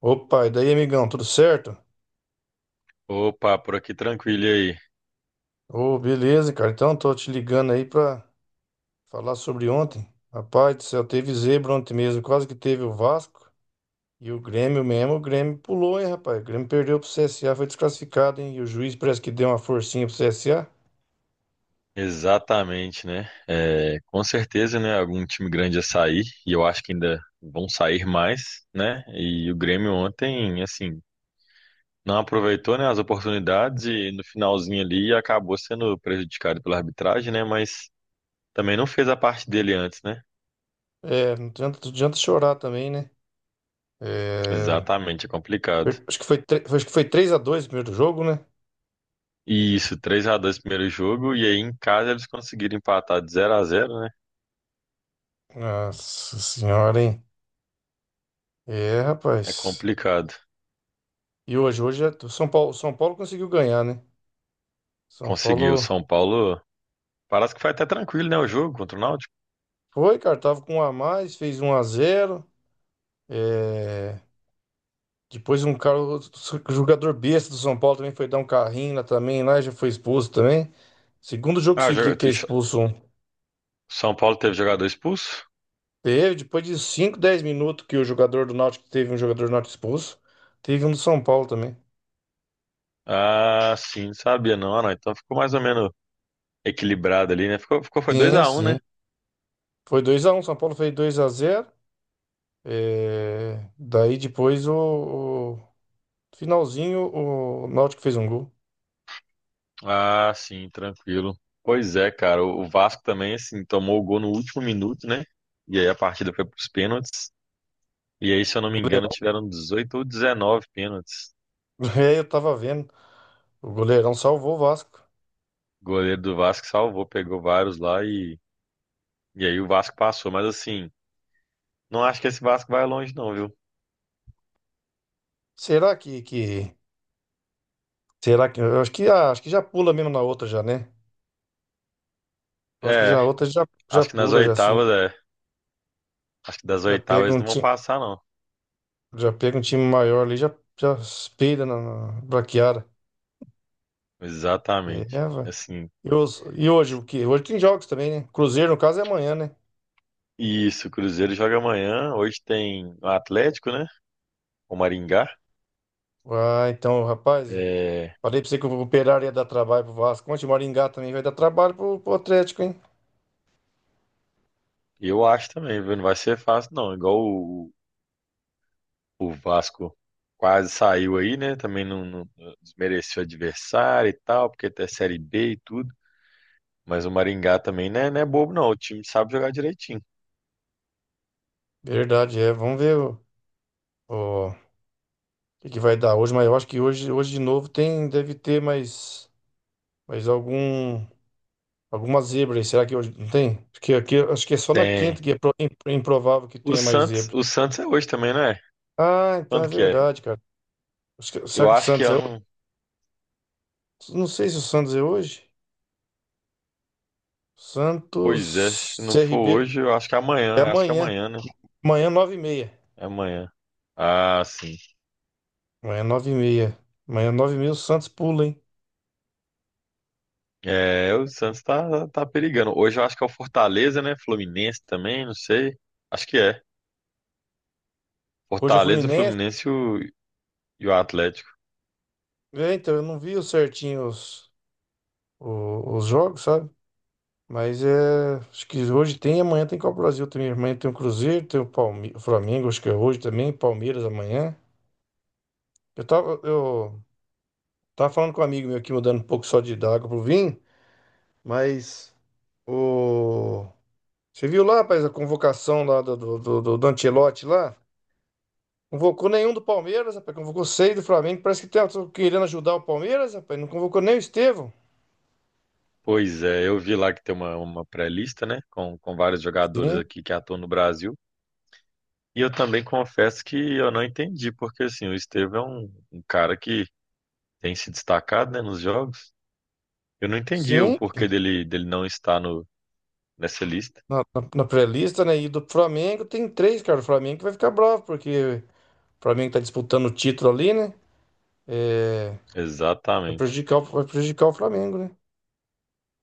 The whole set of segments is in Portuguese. Opa, e daí, amigão, tudo certo? Opa, por aqui tranquilo e aí. Ô, beleza, cara. Então, tô te ligando aí pra falar sobre ontem. Rapaz do céu, teve zebra ontem mesmo. Quase que teve o Vasco e o Grêmio mesmo. O Grêmio pulou, hein, rapaz? O Grêmio perdeu pro CSA, foi desclassificado, hein? E o juiz parece que deu uma forcinha pro CSA. Exatamente, né? É, com certeza, né? Algum time grande ia sair e eu acho que ainda vão sair mais, né? E o Grêmio ontem, assim, não aproveitou, né, as oportunidades e no finalzinho ali acabou sendo prejudicado pela arbitragem, né? Mas também não fez a parte dele antes, né? É, não adianta, não adianta chorar também, né? É, Exatamente, é complicado. Acho que foi 3-2 o primeiro jogo, né? E isso, 3 a 2 primeiro jogo e aí em casa eles conseguiram empatar de 0 a 0, né? Nossa senhora, hein? É, É rapaz. complicado. E hoje, o São Paulo conseguiu ganhar, né? São Conseguiu. Paulo. São Paulo. Parece que foi até tranquilo, né? O jogo contra o Náutico. Foi, cara, tava com um a mais, fez 1-0. É. Depois um cara, outro jogador besta do São Paulo também foi dar um carrinho lá também, lá e já foi expulso também. Segundo jogo Ah, seguido jo- que é expulso um. São Paulo teve jogador expulso? Teve, depois de 5 10 minutos que o jogador do Náutico teve um jogador do Náutico expulso, teve um do São Paulo também. Ah, sim, não sabia não, ah, não. Então ficou mais ou menos equilibrado ali, né? Ficou, foi dois Sim, a um né? sim. Foi 2-1. São Paulo fez 2-0. Daí depois o finalzinho o Náutico fez um gol. Ah, sim, tranquilo. Pois é, cara. O Vasco também, assim, tomou o gol no último minuto, né? E aí a partida foi pros pênaltis. E aí, se eu O não me engano, goleiro. tiveram 18 ou 19 pênaltis. É, eu tava vendo. O goleirão salvou o Vasco. O goleiro do Vasco salvou, pegou vários lá e aí o Vasco passou. Mas assim, não acho que esse Vasco vai longe, não, viu? Será que, que será que eu acho que já pula mesmo na outra já, né? Eu acho que já É. a outra já Acho que nas pula já assim. oitavas, é. Acho que das Já oitavas pega eles um não vão time, passar, não. já pega um time maior ali, já espelha na braquiara. Exatamente. É, vai. Assim. E, hoje o que? Hoje tem jogos também, né? Cruzeiro no caso é amanhã, né? Isso, o Cruzeiro joga amanhã. Hoje tem o Atlético, né? O Maringá. Ah, então, rapaz, É, falei pra você que o Operário ia dar trabalho pro Vasco. Ontem o Maringá também vai dar trabalho pro Atlético, hein? eu acho também, viu? Não vai ser fácil, não. Igual o Vasco quase saiu aí, né? Também não, não desmereceu o adversário e tal, porque até Série B e tudo. Mas o Maringá também não é, não é bobo, não. O time sabe jogar direitinho. Verdade, é. Vamos ver o- o que que vai dar hoje? Mas eu acho que hoje de novo tem, deve ter mais algum, alguma zebra aí. Será que hoje não tem? Acho que, aqui, acho que é só na Tem. quinta que é improvável que O tenha mais Santos, zebra. o Santos é hoje também, não é? Ah, então é Quando que é? verdade, cara. Será Eu que o acho que é, Santos eu é hoje? não, Não sei se o Santos é hoje. pois é, se Santos não for CRB hoje, eu acho que é é amanhã, acho que é amanhã. amanhã, né? Amanhã, 9h30. É amanhã. Ah, sim. Amanhã, 9h30. Amanhã, nove e meia o Santos pula, hein? É, o Santos tá, tá perigando. Hoje eu acho que é o Fortaleza, né? Fluminense também, não sei. Acho que é. Hoje é Fortaleza, o Fluminense. Fluminense e o Atlético. É, então, eu não vi o certinho os jogos, sabe? Mas é. Acho que hoje tem, amanhã tem Copa do Brasil também. Amanhã tem o Cruzeiro, tem o Flamengo, acho que é hoje também, Palmeiras amanhã. Eu tava falando com um amigo meu aqui, mudando um pouco só de da água pro vinho, mas o. Você viu lá, rapaz, a convocação lá do Ancelotti lá? Convocou nenhum do Palmeiras, rapaz. Convocou seis do Flamengo. Parece que tá querendo ajudar o Palmeiras, rapaz. Não convocou nem o Estevão. Pois é, eu vi lá que tem uma pré-lista, né? Com vários jogadores Sim, aqui que atuam no Brasil. E eu também confesso que eu não entendi, porque assim, o Estevão é um, um cara que tem se destacado, né, nos jogos. Eu não entendi o sim. porquê dele, dele não estar no, nessa lista. Na pré-lista, né? E do Flamengo tem três, cara. O Flamengo vai ficar bravo, porque o Flamengo tá disputando o título ali, né? É, vai Exatamente. prejudicar, o- vai prejudicar o Flamengo, né?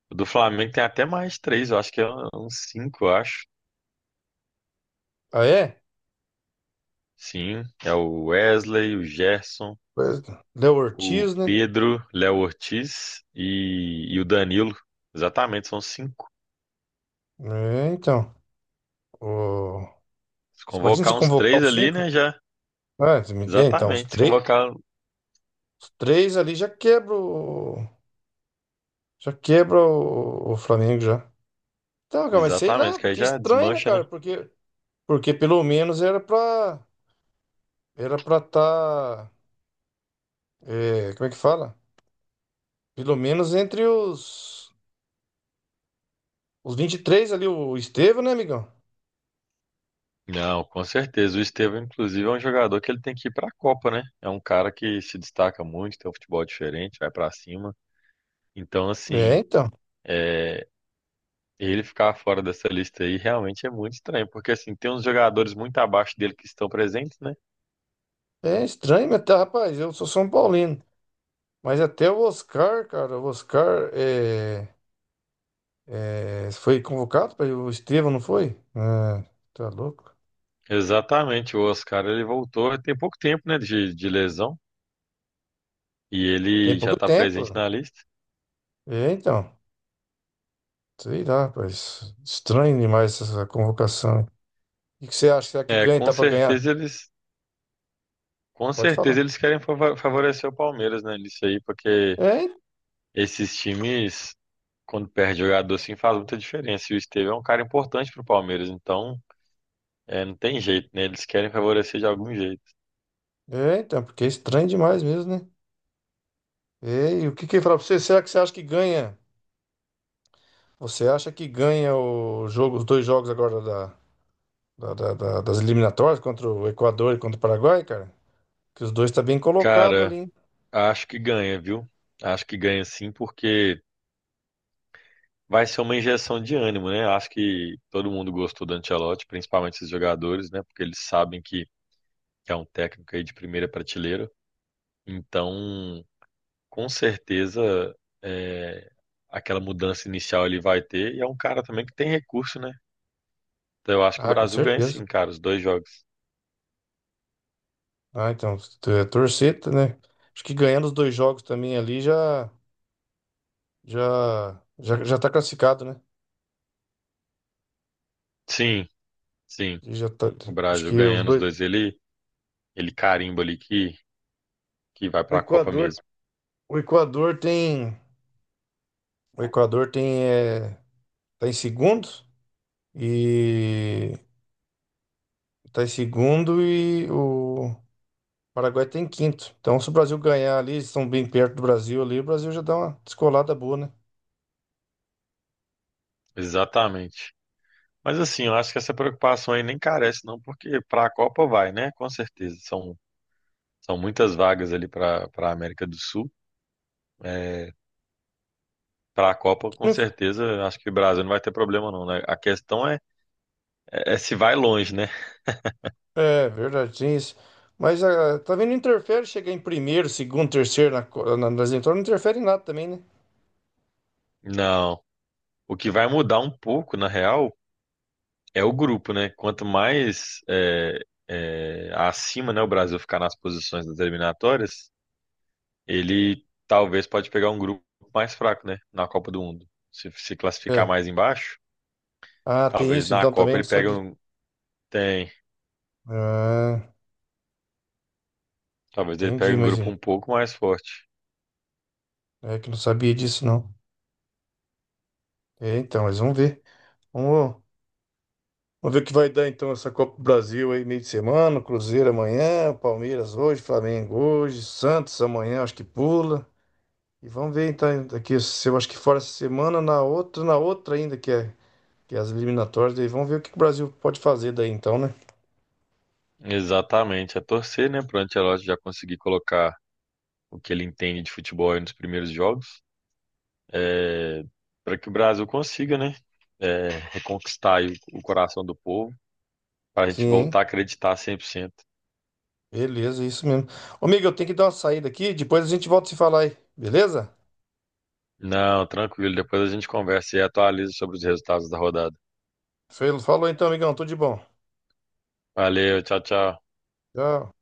O do Flamengo tem até mais três, eu acho que é uns cinco, eu acho. Ah, é? Sim, é o Wesley, o Gerson, Pois- Léo o Ortiz, né? Pedro, Léo Ortiz e o Danilo. Exatamente, são cinco. É, então. O... Se você imagina convocar se uns convocar três os ali, cinco. né, já. Ah, é, então, Exatamente, se convocar. os três ali Já quebra o Flamengo já. Então, cara, mas sei lá, Exatamente, que aí porque é já estranho, né, desmancha, né? cara? Porque pelo menos Era pra tá... é, como é que fala? Pelo menos entre os 23 ali, o Estevão, né, amigão? Não, com certeza. O Estevão, inclusive, é um jogador que ele tem que ir pra Copa, né? É um cara que se destaca muito, tem um futebol diferente, vai pra cima. Então, É, assim. então. É, e ele ficar fora dessa lista aí realmente é muito estranho, porque assim, tem uns jogadores muito abaixo dele que estão presentes, né? É estranho, mas tá, rapaz, eu sou São Paulino. Mas até o Oscar, cara, o Oscar foi convocado para o Estevão, não foi? Ah, tá louco. Exatamente, o Oscar, ele voltou tem pouco tempo, né, de lesão, e Tem ele já pouco está presente tempo. na lista. É, então. Sei lá, rapaz. Estranho demais essa convocação, hein? O que que você acha? Será que É, ganha? Tá para ganhar? Com Pode certeza falar. eles querem favorecer o Palmeiras, né, nisso aí, porque É, esses times, quando perde jogador assim, faz muita diferença, e o Estevão é um cara importante pro Palmeiras, então, é, não tem jeito, né, eles querem favorecer de algum jeito. é, então, porque é estranho demais mesmo, né? É, e o que que eu ia falar pra você? Será que você acha que ganha? Você acha que ganha o jogo, os dois jogos agora das eliminatórias contra o Equador e contra o Paraguai, cara. Que os dois tá bem colocado Cara, ali, hein? acho que ganha, viu? Acho que ganha sim, porque vai ser uma injeção de ânimo, né? Acho que todo mundo gostou do Ancelotti, principalmente esses jogadores, né? Porque eles sabem que é um técnico aí de primeira prateleira. Então, com certeza, é, aquela mudança inicial ele vai ter. E é um cara também que tem recurso, né? Então, eu acho que o Ah, com Brasil ganha certeza. sim, cara, os dois jogos. Ah, então, torcer, tá, né? Acho que ganhando os dois jogos também ali já tá classificado, né? Sim, sim. E já tá, O acho Brasil que os ganhando os dois dois, ele carimba ali que vai o para a Copa Equador, mesmo. o Equador tem o Equador tem é, tá em segundo e tá em segundo e o Paraguai tem quinto. Então, se o Brasil ganhar ali, eles estão bem perto do Brasil ali, o Brasil já dá uma descolada boa, né? Exatamente. Mas assim, eu acho que essa preocupação aí nem carece, não, porque para a Copa vai, né? Com certeza. São, são muitas vagas ali para para a América do Sul. Para a Copa, com certeza, acho que o Brasil não vai ter problema, não, né? A questão é, é é se vai longe, né? É, verdade, tem isso. Mas tá vendo, não interfere chegar em primeiro, segundo, terceiro nas entradas, não interfere em nada também, né? Não. O que vai mudar um pouco, na real, é o grupo, né? Quanto mais é, é, acima, né, o Brasil ficar nas posições das eliminatórias, ele talvez pode pegar um grupo mais fraco, né? Na Copa do Mundo. Se classificar É. mais embaixo. Ah, tem Talvez isso na então também, Copa não ele pegue sabia. um. Tem. Ah, Talvez ele pegue entendi, um mas grupo é um pouco mais forte. é que não sabia disso, não. É, então, mas vamos ver. Vamos, vamos ver o que vai dar então essa Copa do Brasil aí, meio de semana, Cruzeiro amanhã, Palmeiras hoje, Flamengo hoje, Santos amanhã, acho que pula. E vamos ver então aqui, se eu acho que fora essa semana, na outra ainda que é as eliminatórias, daí vamos ver o que que o Brasil pode fazer daí então, né? Exatamente. É torcer, né? Para o Ancelotti já conseguir colocar o que ele entende de futebol aí nos primeiros jogos. É... Para que o Brasil consiga, né? É... Reconquistar aí o coração do povo. Para a gente Sim, voltar a acreditar 100%. beleza, isso mesmo. Ô, amigo, eu tenho que dar uma saída aqui, depois a gente volta a se falar aí, beleza? Não, tranquilo. Depois a gente conversa e atualiza sobre os resultados da rodada. Falou então, amigão, tudo de bom. Valeu, tchau, tchau. Tchau.